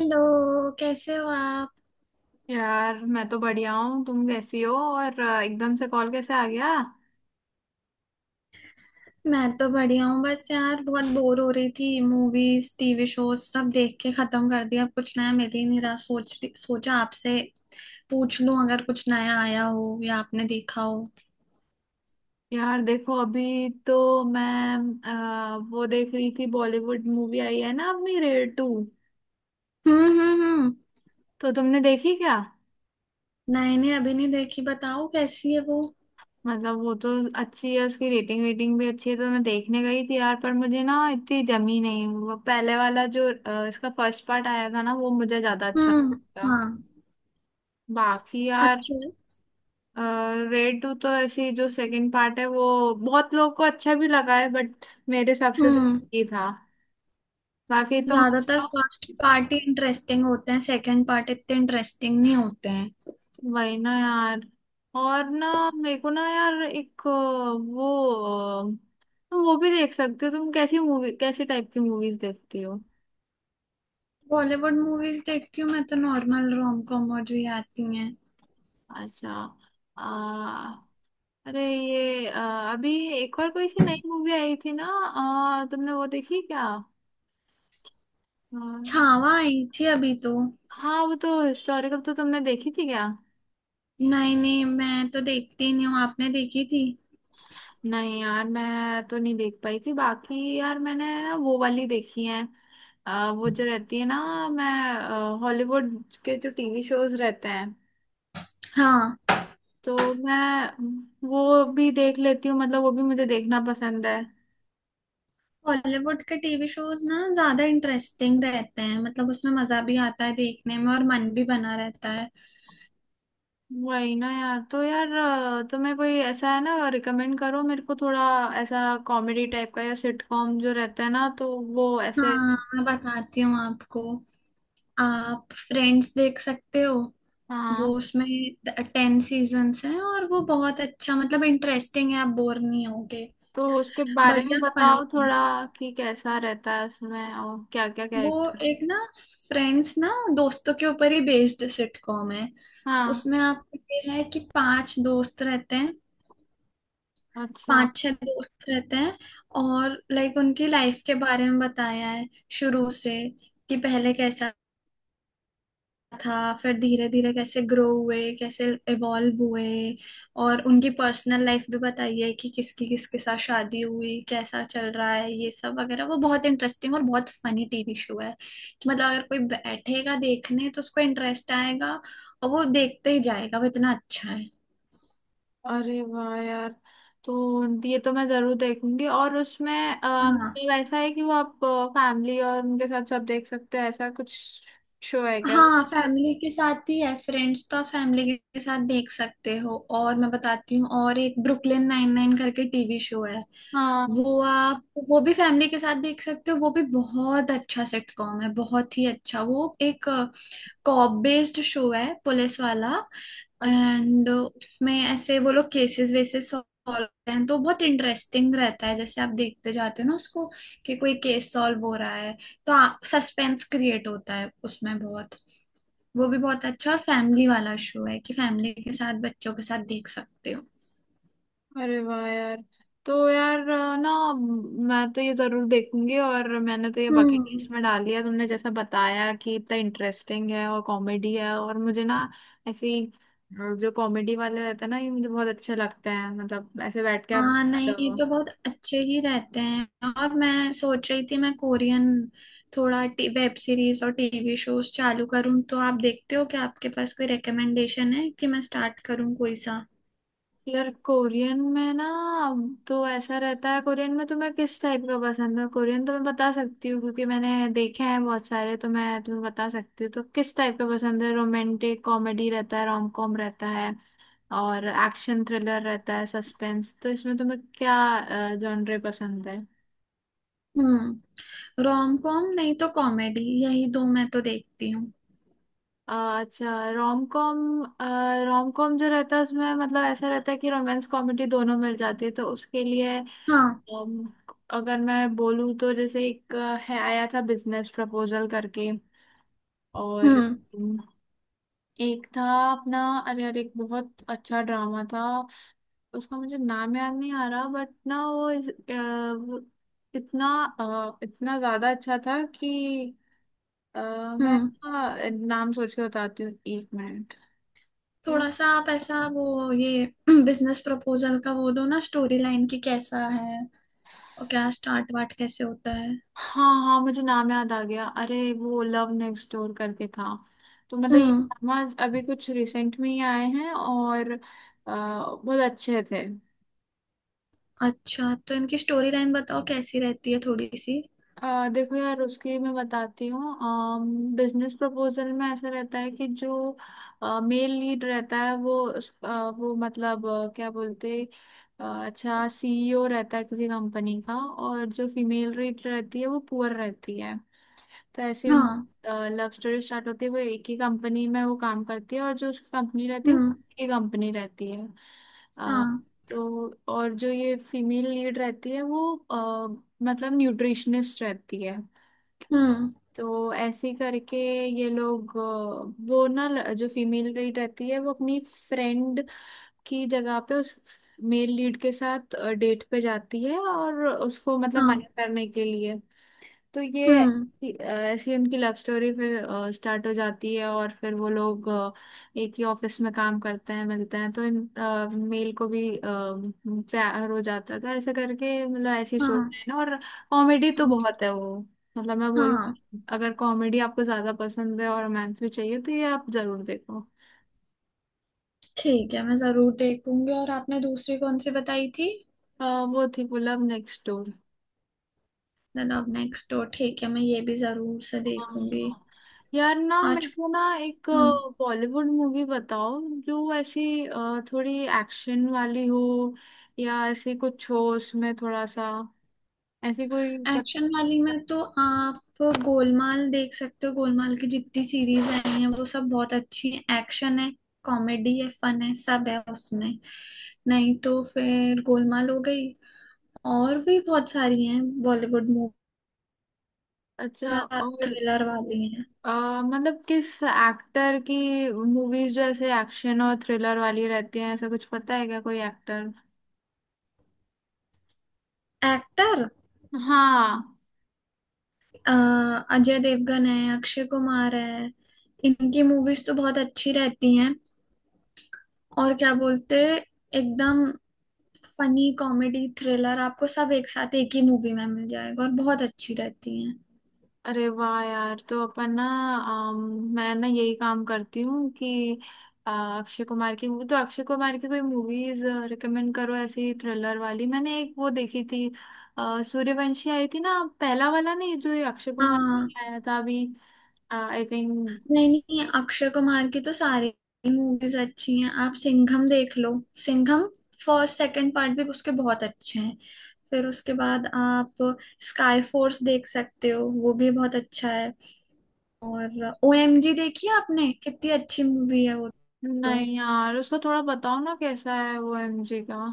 Hello. कैसे हो आप। यार मैं तो बढ़िया हूँ। तुम कैसी हो और एकदम से कॉल कैसे आ गया? मैं तो बढ़िया हूँ। बस यार बहुत बोर हो रही थी। मूवीज टीवी शोज सब देख के खत्म कर दिया। अब कुछ नया मिल ही नहीं रहा। सोचा आपसे पूछ लूं अगर कुछ नया आया हो या आपने देखा हो। यार देखो अभी तो मैं वो देख रही थी, बॉलीवुड मूवी आई है ना अपनी रेड टू, हम्म। तो तुमने देखी क्या? नहीं नहीं अभी नहीं देखी। बताओ कैसी है वो। मतलब वो तो अच्छी है, उसकी रेटिंग वेटिंग भी अच्छी है, तो मैं देखने गई थी यार, पर मुझे ना इतनी जमी नहीं। वो पहले वाला जो इसका फर्स्ट पार्ट आया था ना, वो मुझे ज्यादा अच्छा हम्म। लगा। हाँ। बाकी यार अच्छा है। रेड टू तो ऐसी, जो सेकंड पार्ट है वो बहुत लोगों को अच्छा भी लगा है, बट मेरे हिसाब से तो हम्म। ही था। बाकी तुम ज्यादातर बताओ। फर्स्ट पार्ट ही इंटरेस्टिंग होते हैं। सेकंड पार्ट इतने इंटरेस्टिंग नहीं होते हैं। वही ना यार। और ना मेरे को ना यार एक वो वो भी देख सकते हो। तुम कैसी मूवी, कैसे टाइप की मूवीज देखती हो? बॉलीवुड मूवीज देखती हूँ मैं तो। नॉर्मल रोम कॉम और जो ये आती हैं। अच्छा। आ, अरे ये अभी एक और कोई सी नई मूवी आई थी ना, तुमने वो देखी क्या? अ, छावा आई थी अभी तो। हाँ वो तो हिस्टोरिकल, तो तुमने देखी थी क्या? नहीं नहीं मैं तो देखती ही नहीं हूँ। आपने देखी थी। नहीं यार मैं तो नहीं देख पाई थी। बाकी यार मैंने ना वो वाली देखी है, वो जो रहती है ना, मैं हॉलीवुड के जो टीवी शोज रहते हैं हाँ। तो मैं वो भी देख लेती हूँ, मतलब वो भी मुझे देखना पसंद है। बॉलीवुड के टीवी शोज ना ज्यादा इंटरेस्टिंग रहते हैं। मतलब उसमें मजा भी आता है देखने में और मन भी बना रहता है। वही ना यार। तो यार तुम्हें कोई ऐसा है ना, रिकमेंड करो मेरे को थोड़ा, ऐसा कॉमेडी टाइप का या सिटकॉम जो रहता है ना तो वो ऐसे। हाँ मैं बताती हूँ आपको। आप फ्रेंड्स देख सकते हो। वो हाँ उसमें 10 सीजन्स हैं और वो बहुत अच्छा मतलब इंटरेस्टिंग है। आप बोर नहीं होगे। तो उसके बारे में बढ़िया बताओ फनी है थोड़ा, कि कैसा रहता है उसमें और क्या क्या वो। कैरेक्टर। एक ना फ्रेंड्स ना दोस्तों के ऊपर ही बेस्ड सिटकॉम है। हाँ। उसमें आपको ये है कि पांच दोस्त रहते हैं। अच्छा। पांच छह दोस्त रहते हैं और लाइक उनकी लाइफ के बारे में बताया है शुरू से। कि पहले कैसा था फिर धीरे धीरे कैसे ग्रो हुए कैसे इवॉल्व हुए। और उनकी पर्सनल लाइफ भी बताइए कि किसकी किसके साथ शादी हुई कैसा चल रहा है ये सब वगैरह। वो बहुत इंटरेस्टिंग और बहुत फनी टीवी शो है। कि मतलब अगर कोई बैठेगा देखने तो उसको इंटरेस्ट आएगा और वो देखते ही जाएगा वो इतना अच्छा है। अरे वाह यार, तो ये तो मैं जरूर देखूंगी। और उसमें हाँ। मतलब ऐसा है कि वो आप फैमिली और उनके साथ सब देख सकते हैं, ऐसा कुछ शो है क्या वो? हाँ फैमिली के साथ ही है। फ्रेंड्स तो आप फैमिली के साथ देख सकते हो। और मैं बताती हूँ और एक ब्रुकलिन नाइन नाइन करके टीवी शो है। हाँ। वो आप वो भी फैमिली के साथ देख सकते हो। वो भी बहुत अच्छा सिटकॉम है बहुत ही अच्छा। वो एक कॉप बेस्ड शो है पुलिस वाला। अच्छा। एंड उसमें ऐसे वो लोग केसेस वेसेस सॉल्व करते हैं। तो बहुत इंटरेस्टिंग रहता है जैसे आप देखते जाते हो ना उसको। कि कोई केस सॉल्व हो रहा है तो सस्पेंस क्रिएट होता है उसमें बहुत। वो भी बहुत अच्छा और फैमिली वाला शो है कि फैमिली के साथ बच्चों के साथ देख सकते हो। अरे वाह यार। तो यार ना मैं तो ये जरूर देखूंगी, और मैंने तो ये बकेट हम्म। लिस्ट में डाल लिया, तुमने जैसा बताया कि इतना इंटरेस्टिंग है और कॉमेडी है। और मुझे ना ऐसी जो कॉमेडी वाले रहते हैं ना ये मुझे बहुत अच्छे लगते हैं, मतलब ऐसे बैठ के आप। हाँ नहीं ये तो बहुत अच्छे ही रहते हैं। और मैं सोच रही थी मैं कोरियन थोड़ा वेब सीरीज और टीवी शोज चालू करूँ। तो आप देखते हो क्या। आपके पास कोई रिकमेंडेशन है कि मैं स्टार्ट करूँ कोई सा। यार कोरियन में ना तो ऐसा रहता है, कोरियन में तुम्हें किस टाइप का पसंद है? कोरियन तो मैं बता सकती हूँ क्योंकि मैंने देखे हैं बहुत सारे, तो मैं तुम्हें बता सकती हूँ। तो किस टाइप का पसंद है? रोमांटिक कॉमेडी रहता है, रोम कॉम रहता है और एक्शन थ्रिलर रहता है, सस्पेंस। तो इसमें तुम्हें क्या जॉनरे पसंद है? हम्म। रोम कॉम नहीं तो कॉमेडी यही दो मैं तो देखती हूँ। अ, अच्छा, रोम कॉम। रोम कॉम जो रहता है उसमें मतलब ऐसा रहता है कि रोमांस कॉमेडी दोनों मिल जाती है। तो उसके लिए हाँ। Um, अगर मैं बोलूँ तो, जैसे एक है आया था बिजनेस प्रपोजल करके। और हम्म। um, एक था अपना, अरे यार एक बहुत अच्छा ड्रामा था, उसका मुझे नाम याद नहीं आ रहा, बट ना वो वो इतना इतना ज्यादा अच्छा था कि अ, मैं हम्म। ना, नाम सोच के बताती हूँ, एक मिनट। थोड़ा सा आप ऐसा वो ये बिजनेस प्रपोजल का वो दो ना स्टोरी लाइन की कैसा है और क्या स्टार्ट वाट कैसे होता है। हाँ हाँ मुझे नाम याद आ गया, अरे वो लव नेक्स्ट डोर करके था। तो मतलब ये हम्म। ड्रामा अभी कुछ रिसेंट में ही आए हैं और बहुत अच्छे थे। अच्छा तो इनकी स्टोरी लाइन बताओ कैसी रहती है थोड़ी सी। देखो यार उसकी मैं बताती हूँ। बिजनेस प्रपोजल में ऐसा रहता है कि जो मेल लीड रहता है वो वो मतलब क्या बोलते, अच्छा, सीईओ रहता है किसी कंपनी का, और जो फीमेल लीड रहती है वो पुअर रहती है। तो ऐसी हाँ। लव स्टोरी स्टार्ट होती है, वो एक ही कंपनी में वो काम करती है, और जो उसकी कंपनी रहती है वो हम्म। एक ही कंपनी रहती है। अ, हाँ। तो और जो ये फीमेल लीड रहती है वो अ, मतलब न्यूट्रिशनिस्ट रहती है। हम्म। तो ऐसे ही करके ये लोग वो ना जो फीमेल लीड रहती है वो अपनी फ्रेंड की जगह पे उस मेल लीड के साथ डेट पे जाती है, और उसको मतलब हाँ। मना करने के लिए। तो ये हम्म। ऐसी उनकी लव स्टोरी फिर स्टार्ट हो जाती है, और फिर वो लोग एक ही ऑफिस में काम करते हैं, मिलते हैं, तो इन मेल को भी प्यार हो जाता है। तो ऐसे करके मतलब ऐसी स्टोरी हाँ। है ना। और कॉमेडी तो हम्म। बहुत है वो, मतलब मैं बोलूँ हाँ। अगर कॉमेडी आपको ज्यादा पसंद है और रोमांस भी चाहिए तो ये आप जरूर देखो। ठीक है मैं जरूर देखूंगी। और आपने दूसरी कौन सी बताई थी। अ, वो थी pull up next door. The love next door. ठीक है मैं ये भी जरूर से देखूंगी। हाँ। यार ना मेरे आज। को ना एक हम्म। बॉलीवुड मूवी बताओ, जो ऐसी थोड़ी एक्शन वाली हो, या ऐसी कुछ हो उसमें थोड़ा सा, ऐसी कोई पत... एक्शन वाली में तो आप गोलमाल देख सकते हो। गोलमाल की जितनी सीरीज आई है वो सब बहुत अच्छी है। एक्शन है कॉमेडी है फन है सब है उसमें। नहीं तो फिर गोलमाल हो गई और भी बहुत सारी हैं बॉलीवुड मूवी अच्छा, और थ्रिलर वाली हैं। मतलब किस एक्टर की मूवीज जो ऐसे एक्शन और थ्रिलर वाली रहती हैं, ऐसा कुछ पता है क्या कोई एक्टर? एक्टर हाँ। अजय देवगन है अक्षय कुमार है। इनकी मूवीज तो बहुत अच्छी रहती हैं। और क्या बोलते एकदम फनी कॉमेडी थ्रिलर आपको सब एक साथ एक ही मूवी में मिल जाएगा और बहुत अच्छी रहती हैं। अरे वाह यार, तो अपन ना अम, मैं ना यही काम करती हूँ कि अक्षय कुमार की मूवी, तो अक्षय कुमार की कोई मूवीज रिकमेंड करो ऐसी थ्रिलर वाली। मैंने एक वो देखी थी सूर्यवंशी आई थी ना, पहला वाला नहीं जो ये अक्षय कुमार हाँ। का आया था अभी, आई थिंक। नहीं नहीं अक्षय कुमार की तो सारी मूवीज अच्छी हैं। आप सिंघम देख लो। सिंघम फर्स्ट सेकंड पार्ट भी उसके बहुत अच्छे हैं। फिर उसके बाद आप स्काई फोर्स देख सकते हो। वो भी बहुत अच्छा है। और ओएमजी देखी है आपने। कितनी अच्छी मूवी है वो। तो नहीं यार उसको थोड़ा बताओ ना कैसा है वो एमजी का।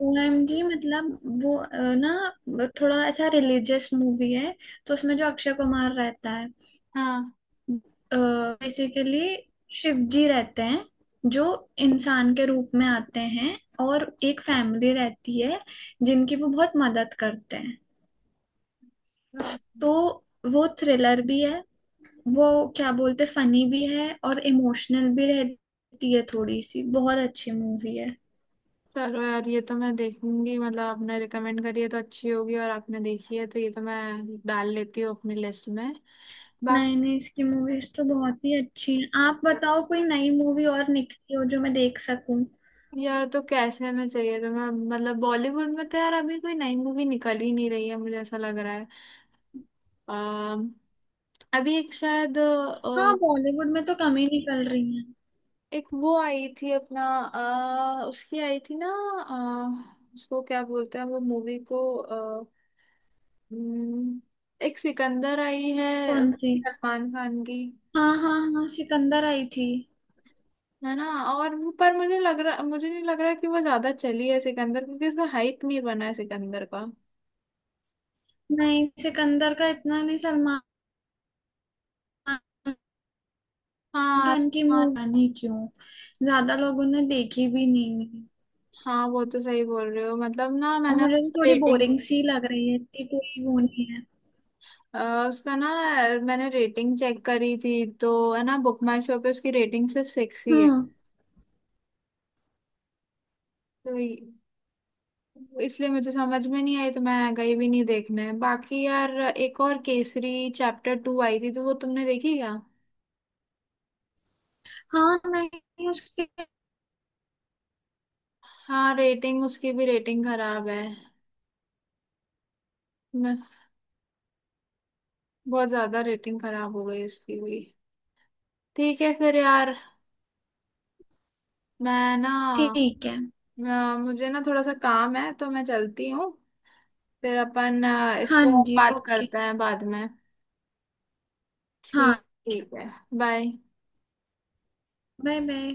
ओएमजी मतलब वो ना वो थोड़ा ऐसा रिलीजियस मूवी है। तो उसमें जो अक्षय कुमार रहता है बेसिकली शिव जी रहते हैं जो इंसान के रूप में आते हैं। और एक फैमिली रहती है जिनकी वो बहुत मदद करते हैं। हाँ। तो वो थ्रिलर भी है वो क्या बोलते फनी भी है और इमोशनल भी रहती है थोड़ी सी। बहुत अच्छी मूवी है। चलो यार ये तो मैं देखूंगी, मतलब आपने रिकमेंड करी है तो अच्छी होगी, और आपने देखी है तो ये तो मैं डाल लेती हूँ अपनी लिस्ट में। बाकी नई नई इसकी मूवीज तो बहुत ही अच्छी हैं। आप बताओ कोई नई मूवी और निकली हो जो मैं देख सकूं। यार, तो कैसे में चाहिए तो मैं मतलब बॉलीवुड में तो यार अभी कोई नई मूवी निकल ही नहीं रही है, मुझे ऐसा लग रहा है। अम, अभी एक शायद हाँ बॉलीवुड में तो कम ही निकल रही है। एक वो आई थी अपना, उसकी आई थी ना, उसको क्या बोलते हैं वो मूवी को, हम्म, एक सिकंदर आई है कौन सी। सलमान खान की, हाँ हाँ हाँ सिकंदर आई थी। है ना? और पर मुझे लग रहा, मुझे नहीं लग रहा कि वो ज्यादा चली है सिकंदर, क्योंकि उसका हाइप नहीं बना है सिकंदर का। नहीं सिकंदर का इतना नहीं सलमान हाँ खान की हाँ मूवी नहीं क्यों ज्यादा लोगों ने देखी भी नहीं है। हाँ, वो तो सही बोल रहे हो। मतलब ना और मैंने मुझे भी उसका थोड़ी रेटिंग, बोरिंग सी लग रही है इतनी कोई वो नहीं है। उसका ना, मैंने रेटिंग चेक करी थी तो है ना बुक माई शो पे उसकी रेटिंग सिर्फ 6 ही है। हम्म। तो इसलिए मुझे समझ में नहीं आई, तो मैं गई भी नहीं देखने। बाकी यार एक और केसरी चैप्टर टू आई थी, तो वो तुमने देखी क्या? हाँ नहीं उसके। हाँ, रेटिंग उसकी भी रेटिंग खराब है। मैं बहुत ज्यादा रेटिंग खराब हो गई उसकी भी। ठीक है फिर यार, मैं ना ठीक है। मुझे ना थोड़ा सा काम है तो मैं चलती हूँ। फिर अपन इस हाँ पर जी बात ओके। करते हैं बाद में। हाँ। ठीक, ठीक है। बाय। Bye bye.